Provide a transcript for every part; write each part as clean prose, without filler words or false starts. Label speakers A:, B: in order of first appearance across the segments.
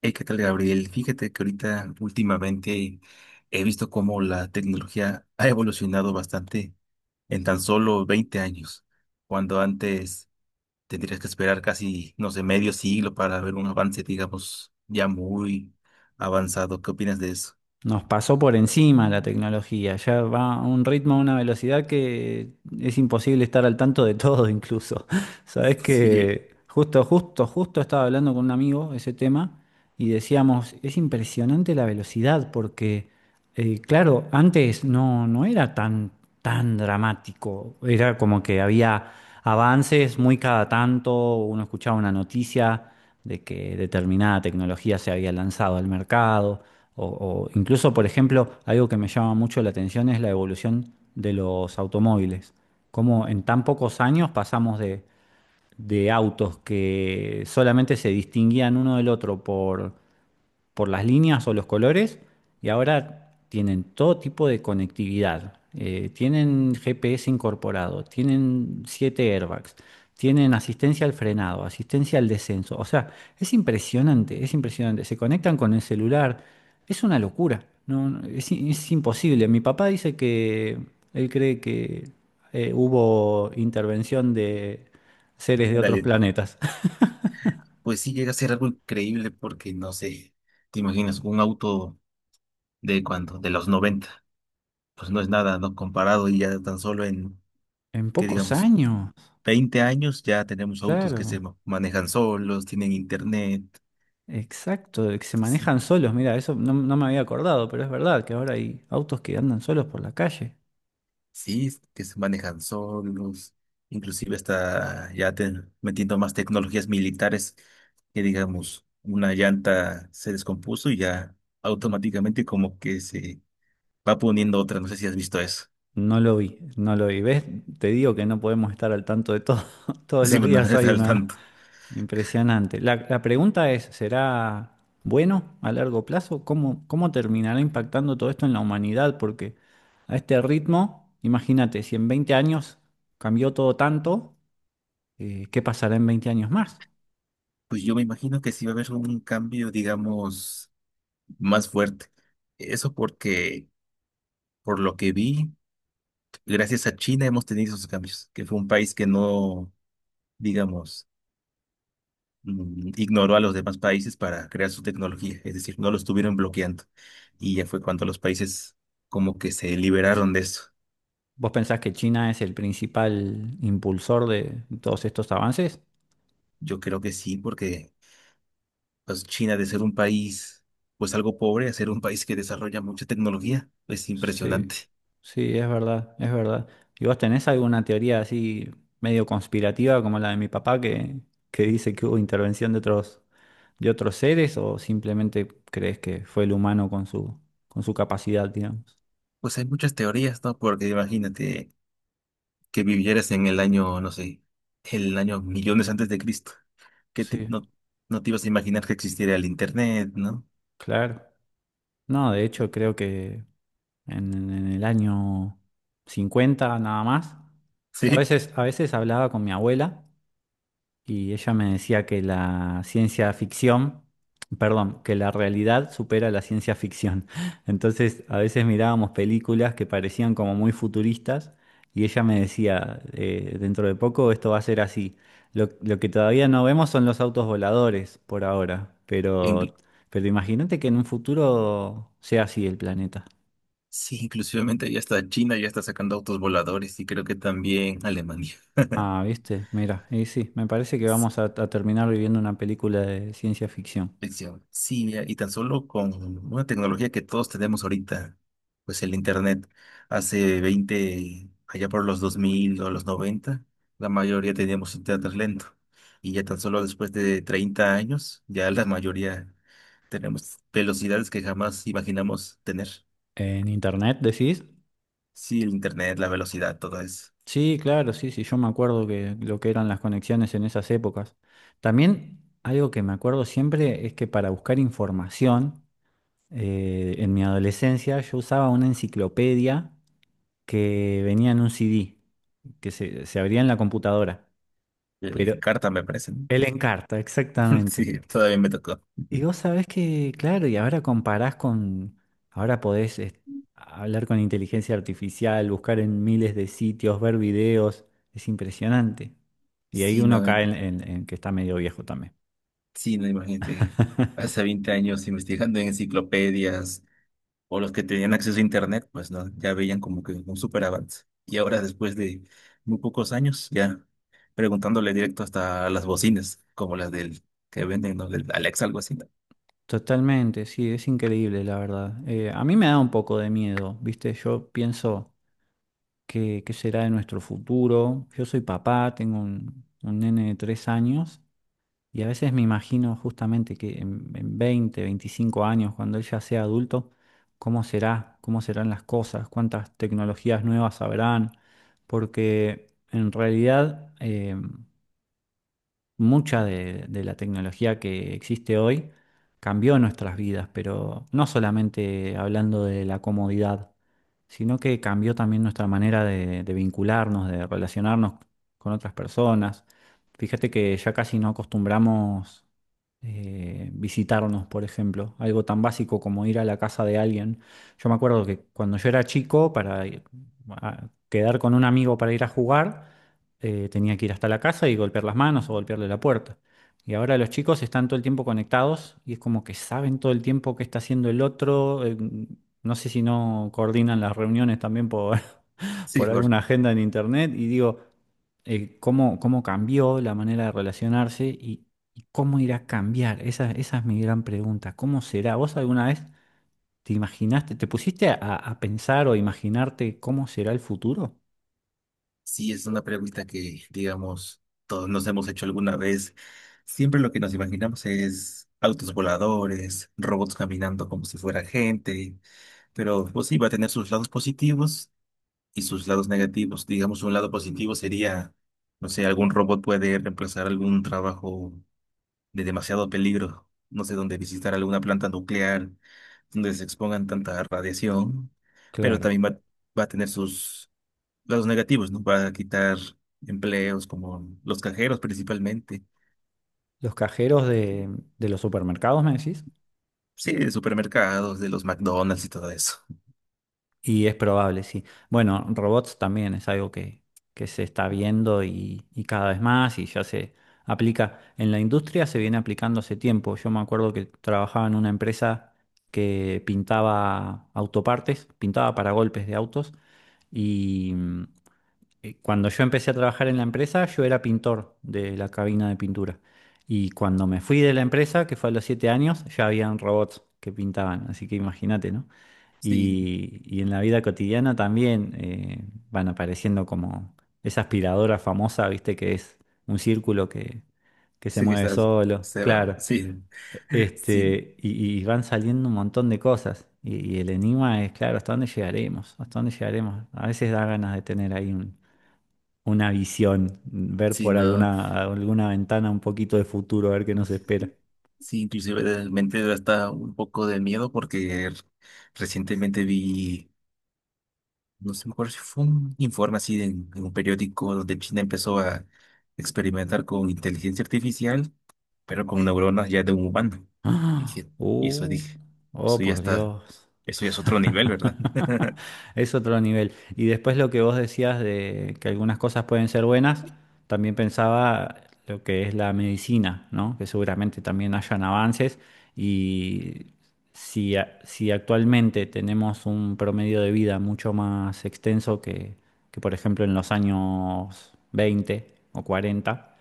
A: Hey, ¿qué tal, Gabriel? Fíjate que ahorita últimamente he visto cómo la tecnología ha evolucionado bastante en tan solo 20 años, cuando antes tendrías que esperar casi, no sé, medio siglo para ver un avance, digamos, ya muy avanzado. ¿Qué opinas de eso?
B: Nos pasó por encima la tecnología, ya va a un ritmo, a una velocidad que es imposible estar al tanto de todo incluso. Sabes
A: Sí,
B: que justo estaba hablando con un amigo ese tema y decíamos, es impresionante la velocidad porque, claro, antes no, no era tan dramático. Era como que había avances muy cada tanto, uno escuchaba una noticia de que determinada tecnología se había lanzado al mercado, o incluso, por ejemplo, algo que me llama mucho la atención es la evolución de los automóviles. Cómo en tan pocos años pasamos de autos que solamente se distinguían uno del otro por las líneas o los colores y ahora tienen todo tipo de conectividad. Tienen GPS incorporado, tienen 7 airbags, tienen asistencia al frenado, asistencia al descenso. O sea, es impresionante, es impresionante. Se conectan con el celular, es una locura. No, no, es imposible. Mi papá dice que él cree que hubo intervención de seres de otros
A: dale.
B: planetas.
A: Pues sí llega a ser algo increíble porque, no sé, te imaginas un auto de cuando, de los 90, pues no es nada, ¿no? Comparado y ya tan solo en,
B: En
A: ¿que
B: pocos
A: digamos?
B: años,
A: 20 años ya tenemos autos que
B: claro.
A: manejan solos, tienen internet.
B: Exacto, de que se
A: Entonces,
B: manejan solos. Mira, eso no me había acordado, pero es verdad que ahora hay autos que andan solos por la calle.
A: sí, es que se manejan solos, inclusive está metiendo más tecnologías militares. Que digamos, una llanta se descompuso y ya automáticamente como que se va poniendo otra, no sé si has visto eso.
B: No lo vi, no lo vi. ¿Ves? Te digo que no podemos estar al tanto de todo. Todos
A: sí,
B: los
A: bueno, no
B: días hay
A: estás al
B: una
A: tanto.
B: impresionante. La pregunta es, ¿será bueno a largo plazo? ¿Cómo terminará impactando todo esto en la humanidad? Porque a este ritmo, imagínate, si en 20 años cambió todo tanto, ¿qué pasará en 20 años más?
A: Pues yo me imagino que sí va a haber un cambio, digamos, más fuerte. Eso porque, por lo que vi, gracias a China hemos tenido esos cambios, que fue un país que no, digamos, ignoró a los demás países para crear su tecnología, es decir, no lo estuvieron bloqueando. Y ya fue cuando los países como que se liberaron de eso.
B: ¿Vos pensás que China es el principal impulsor de todos estos avances?
A: Yo creo que sí, porque pues China, de ser un país pues algo pobre, a ser un país que desarrolla mucha tecnología, es impresionante.
B: Sí, sí, es verdad, es verdad. ¿Y vos tenés alguna teoría así medio conspirativa como la de mi papá que dice que hubo intervención de otros seres o simplemente crees que fue el humano con su capacidad, digamos?
A: Pues hay muchas teorías, ¿no? Porque imagínate que vivieras en el año, no sé, el año millones antes de Cristo, que
B: Sí,
A: no, no te ibas a imaginar que existiera el Internet, ¿no?
B: claro. No, de hecho creo que en el año 50 nada más, yo
A: Sí,
B: a veces hablaba con mi abuela. Y ella me decía que la ciencia ficción, perdón, que la realidad supera la ciencia ficción. Entonces, a veces mirábamos películas que parecían como muy futuristas y ella me decía, dentro de poco esto va a ser así. Lo que todavía no vemos son los autos voladores por ahora,
A: inclu-
B: pero imagínate que en un futuro sea así el planeta.
A: sí, inclusivamente ya está China, ya está sacando autos voladores y creo que también Alemania.
B: Ah, viste, mira, y sí, me parece que vamos a terminar viviendo una película de ciencia ficción.
A: Lección. Sí, mira, y tan solo con una tecnología que todos tenemos ahorita, pues el Internet, hace 20, allá por los 2000 o los 90, la mayoría teníamos Internet lento. Y ya tan solo después de 30 años, ya la mayoría tenemos velocidades que jamás imaginamos tener.
B: ¿En internet decís?
A: Sí, el internet, la velocidad, todo eso.
B: Sí, claro, sí, sí, yo me acuerdo que lo que eran las conexiones en esas épocas. También algo que me acuerdo siempre es que para buscar información, en mi adolescencia yo usaba una enciclopedia que venía en un CD, se abría en la computadora,
A: El
B: pero
A: Encarta me parece, ¿no?
B: el Encarta, exactamente.
A: Sí, todavía me tocó.
B: Y vos sabés que, claro, y ahora comparás ahora podés hablar con inteligencia artificial, buscar en miles de sitios, ver videos, es impresionante. Y ahí
A: Sí,
B: uno
A: no,
B: cae en que está medio viejo también.
A: sí, no, imagínate. Hace 20 años investigando en enciclopedias o los que tenían acceso a internet, pues no, ya veían como que un súper avance. Y ahora, después de muy pocos años, ya preguntándole directo hasta a las bocinas, como las del que venden, ¿no? Del Alexa, algo así, ¿no?
B: Totalmente, sí, es increíble, la verdad. A mí me da un poco de miedo, ¿viste? Yo pienso qué será de nuestro futuro. Yo soy papá, tengo un nene de 3 años. Y a veces me imagino justamente que en 20, 25 años, cuando él ya sea adulto, ¿cómo será? ¿Cómo serán las cosas? ¿Cuántas tecnologías nuevas habrán? Porque en realidad mucha de la tecnología que existe hoy cambió nuestras vidas, pero no solamente hablando de la comodidad, sino que cambió también nuestra manera de vincularnos, de relacionarnos con otras personas. Fíjate que ya casi no acostumbramos visitarnos, por ejemplo, algo tan básico como ir a la casa de alguien. Yo me acuerdo que cuando yo era chico, para ir quedar con un amigo para ir a jugar, tenía que ir hasta la casa y golpear las manos o golpearle la puerta. Y ahora los chicos están todo el tiempo conectados y es como que saben todo el tiempo qué está haciendo el otro. No sé si no coordinan las reuniones también por,
A: Sí,
B: por
A: por.
B: alguna agenda en internet. Y digo, cómo, cómo cambió la manera de relacionarse y cómo irá a cambiar. Esa es mi gran pregunta. ¿Cómo será? ¿Vos alguna vez te imaginaste, te pusiste a pensar o imaginarte cómo será el futuro?
A: Sí, es una pregunta que, digamos, todos nos hemos hecho alguna vez. Siempre lo que nos imaginamos es autos voladores, robots caminando como si fuera gente, pero pues sí, va a tener sus lados positivos y sus lados negativos. Digamos, un lado positivo sería, no sé, algún robot puede reemplazar algún trabajo de demasiado peligro, no sé, donde visitar alguna planta nuclear, donde se expongan tanta radiación, pero
B: Claro.
A: también va a tener sus los negativos, ¿no? Va a quitar empleos como los cajeros principalmente.
B: Los cajeros de los supermercados, me decís.
A: Sí, de supermercados, de los McDonald's y todo eso.
B: Y es probable, sí. Bueno, robots también es algo que se está viendo y cada vez más y ya se aplica. En la industria se viene aplicando hace tiempo. Yo me acuerdo que trabajaba en una empresa que pintaba autopartes, pintaba para golpes de autos y cuando yo empecé a trabajar en la empresa, yo era pintor de la cabina de pintura. Y cuando me fui de la empresa, que fue a los 7 años, ya habían robots que pintaban. Así que imagínate, ¿no?
A: Sí,
B: Y en la vida cotidiana también van apareciendo como esa aspiradora famosa, ¿viste? Que es un círculo que se
A: sí que
B: mueve
A: estás,
B: solo.
A: se va,
B: Claro.
A: sí, sí,
B: Este, y van saliendo un montón de cosas. Y el enigma es, claro, ¿hasta dónde llegaremos? ¿Hasta dónde llegaremos? A veces da ganas de tener ahí un una visión, ver
A: sí,
B: por
A: no,
B: alguna, alguna ventana un poquito de futuro, a ver qué nos espera.
A: sí, inclusive realmente da hasta un poco de miedo porque recientemente vi, no sé, me acuerdo si fue un informe así de, en un periódico donde China empezó a experimentar con inteligencia artificial, pero con neuronas ya de un humano. Y
B: ¡Ah!
A: dije, y eso
B: ¡Uh!
A: dije,
B: Oh,
A: eso ya
B: por
A: está,
B: Dios.
A: eso ya es otro nivel, ¿verdad?
B: Es otro nivel. Y después lo que vos decías de que algunas cosas pueden ser buenas, también pensaba lo que es la medicina, ¿no? Que seguramente también hayan avances y si actualmente tenemos un promedio de vida mucho más extenso que por ejemplo en los años 20 o 40.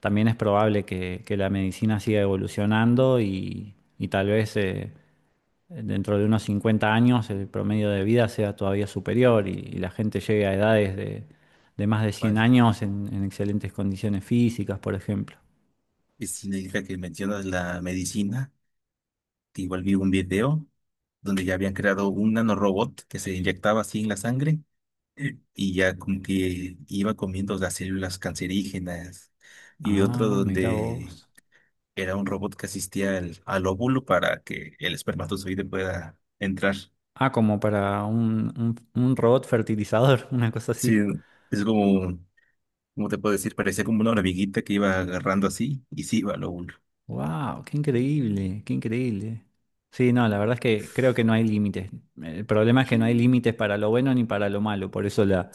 B: También es probable que la medicina siga evolucionando y tal vez dentro de unos 50 años el promedio de vida sea todavía superior y la gente llegue a edades de más de cien
A: Vale.
B: años en excelentes condiciones físicas, por ejemplo.
A: Y significa que mencionas la medicina, que igual vi un video donde ya habían creado un nanorobot que se inyectaba así en la sangre y ya como que iba comiendo las células cancerígenas. Y otro
B: Ah, mira
A: donde
B: vos.
A: era un robot que asistía al óvulo para que el espermatozoide pueda entrar.
B: Ah, como para un robot fertilizador, una cosa
A: Sí,
B: así.
A: es como, ¿cómo te puedo decir? Parecía como una hormiguita que iba agarrando así y sí iba al óvulo.
B: Wow, qué increíble, qué increíble. Sí, no, la verdad es que creo que no hay límites. El problema es que no hay límites para lo bueno ni para lo malo. Por eso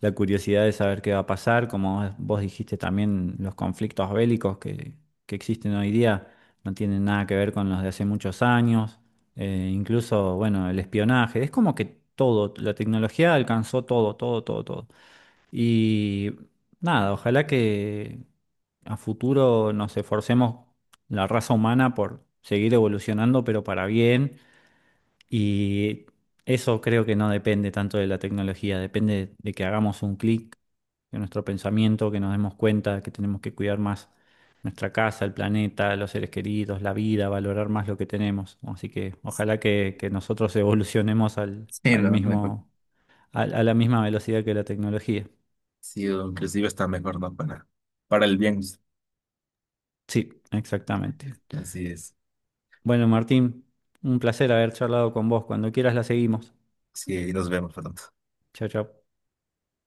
B: la curiosidad de saber qué va a pasar, como vos dijiste también, los conflictos bélicos que existen hoy día no tienen nada que ver con los de hace muchos años. Incluso, bueno, el espionaje. Es como que todo, la tecnología alcanzó todo, todo, todo, todo. Y nada, ojalá que a futuro nos esforcemos la raza humana por seguir evolucionando, pero para bien. Y eso creo que no depende tanto de la tecnología, depende de que hagamos un clic, de nuestro pensamiento, que nos demos cuenta que tenemos que cuidar más nuestra casa, el planeta, los seres queridos, la vida, valorar más lo que tenemos. Así que ojalá que nosotros evolucionemos
A: Sí,
B: al
A: no, mejor.
B: mismo, a la misma velocidad que la tecnología.
A: Sí, o inclusive está mejor, ¿no? para, el bien.
B: Sí, exactamente.
A: Así es.
B: Bueno, Martín, un placer haber charlado con vos. Cuando quieras la seguimos.
A: Sí, nos vemos pronto.
B: Chao, chao.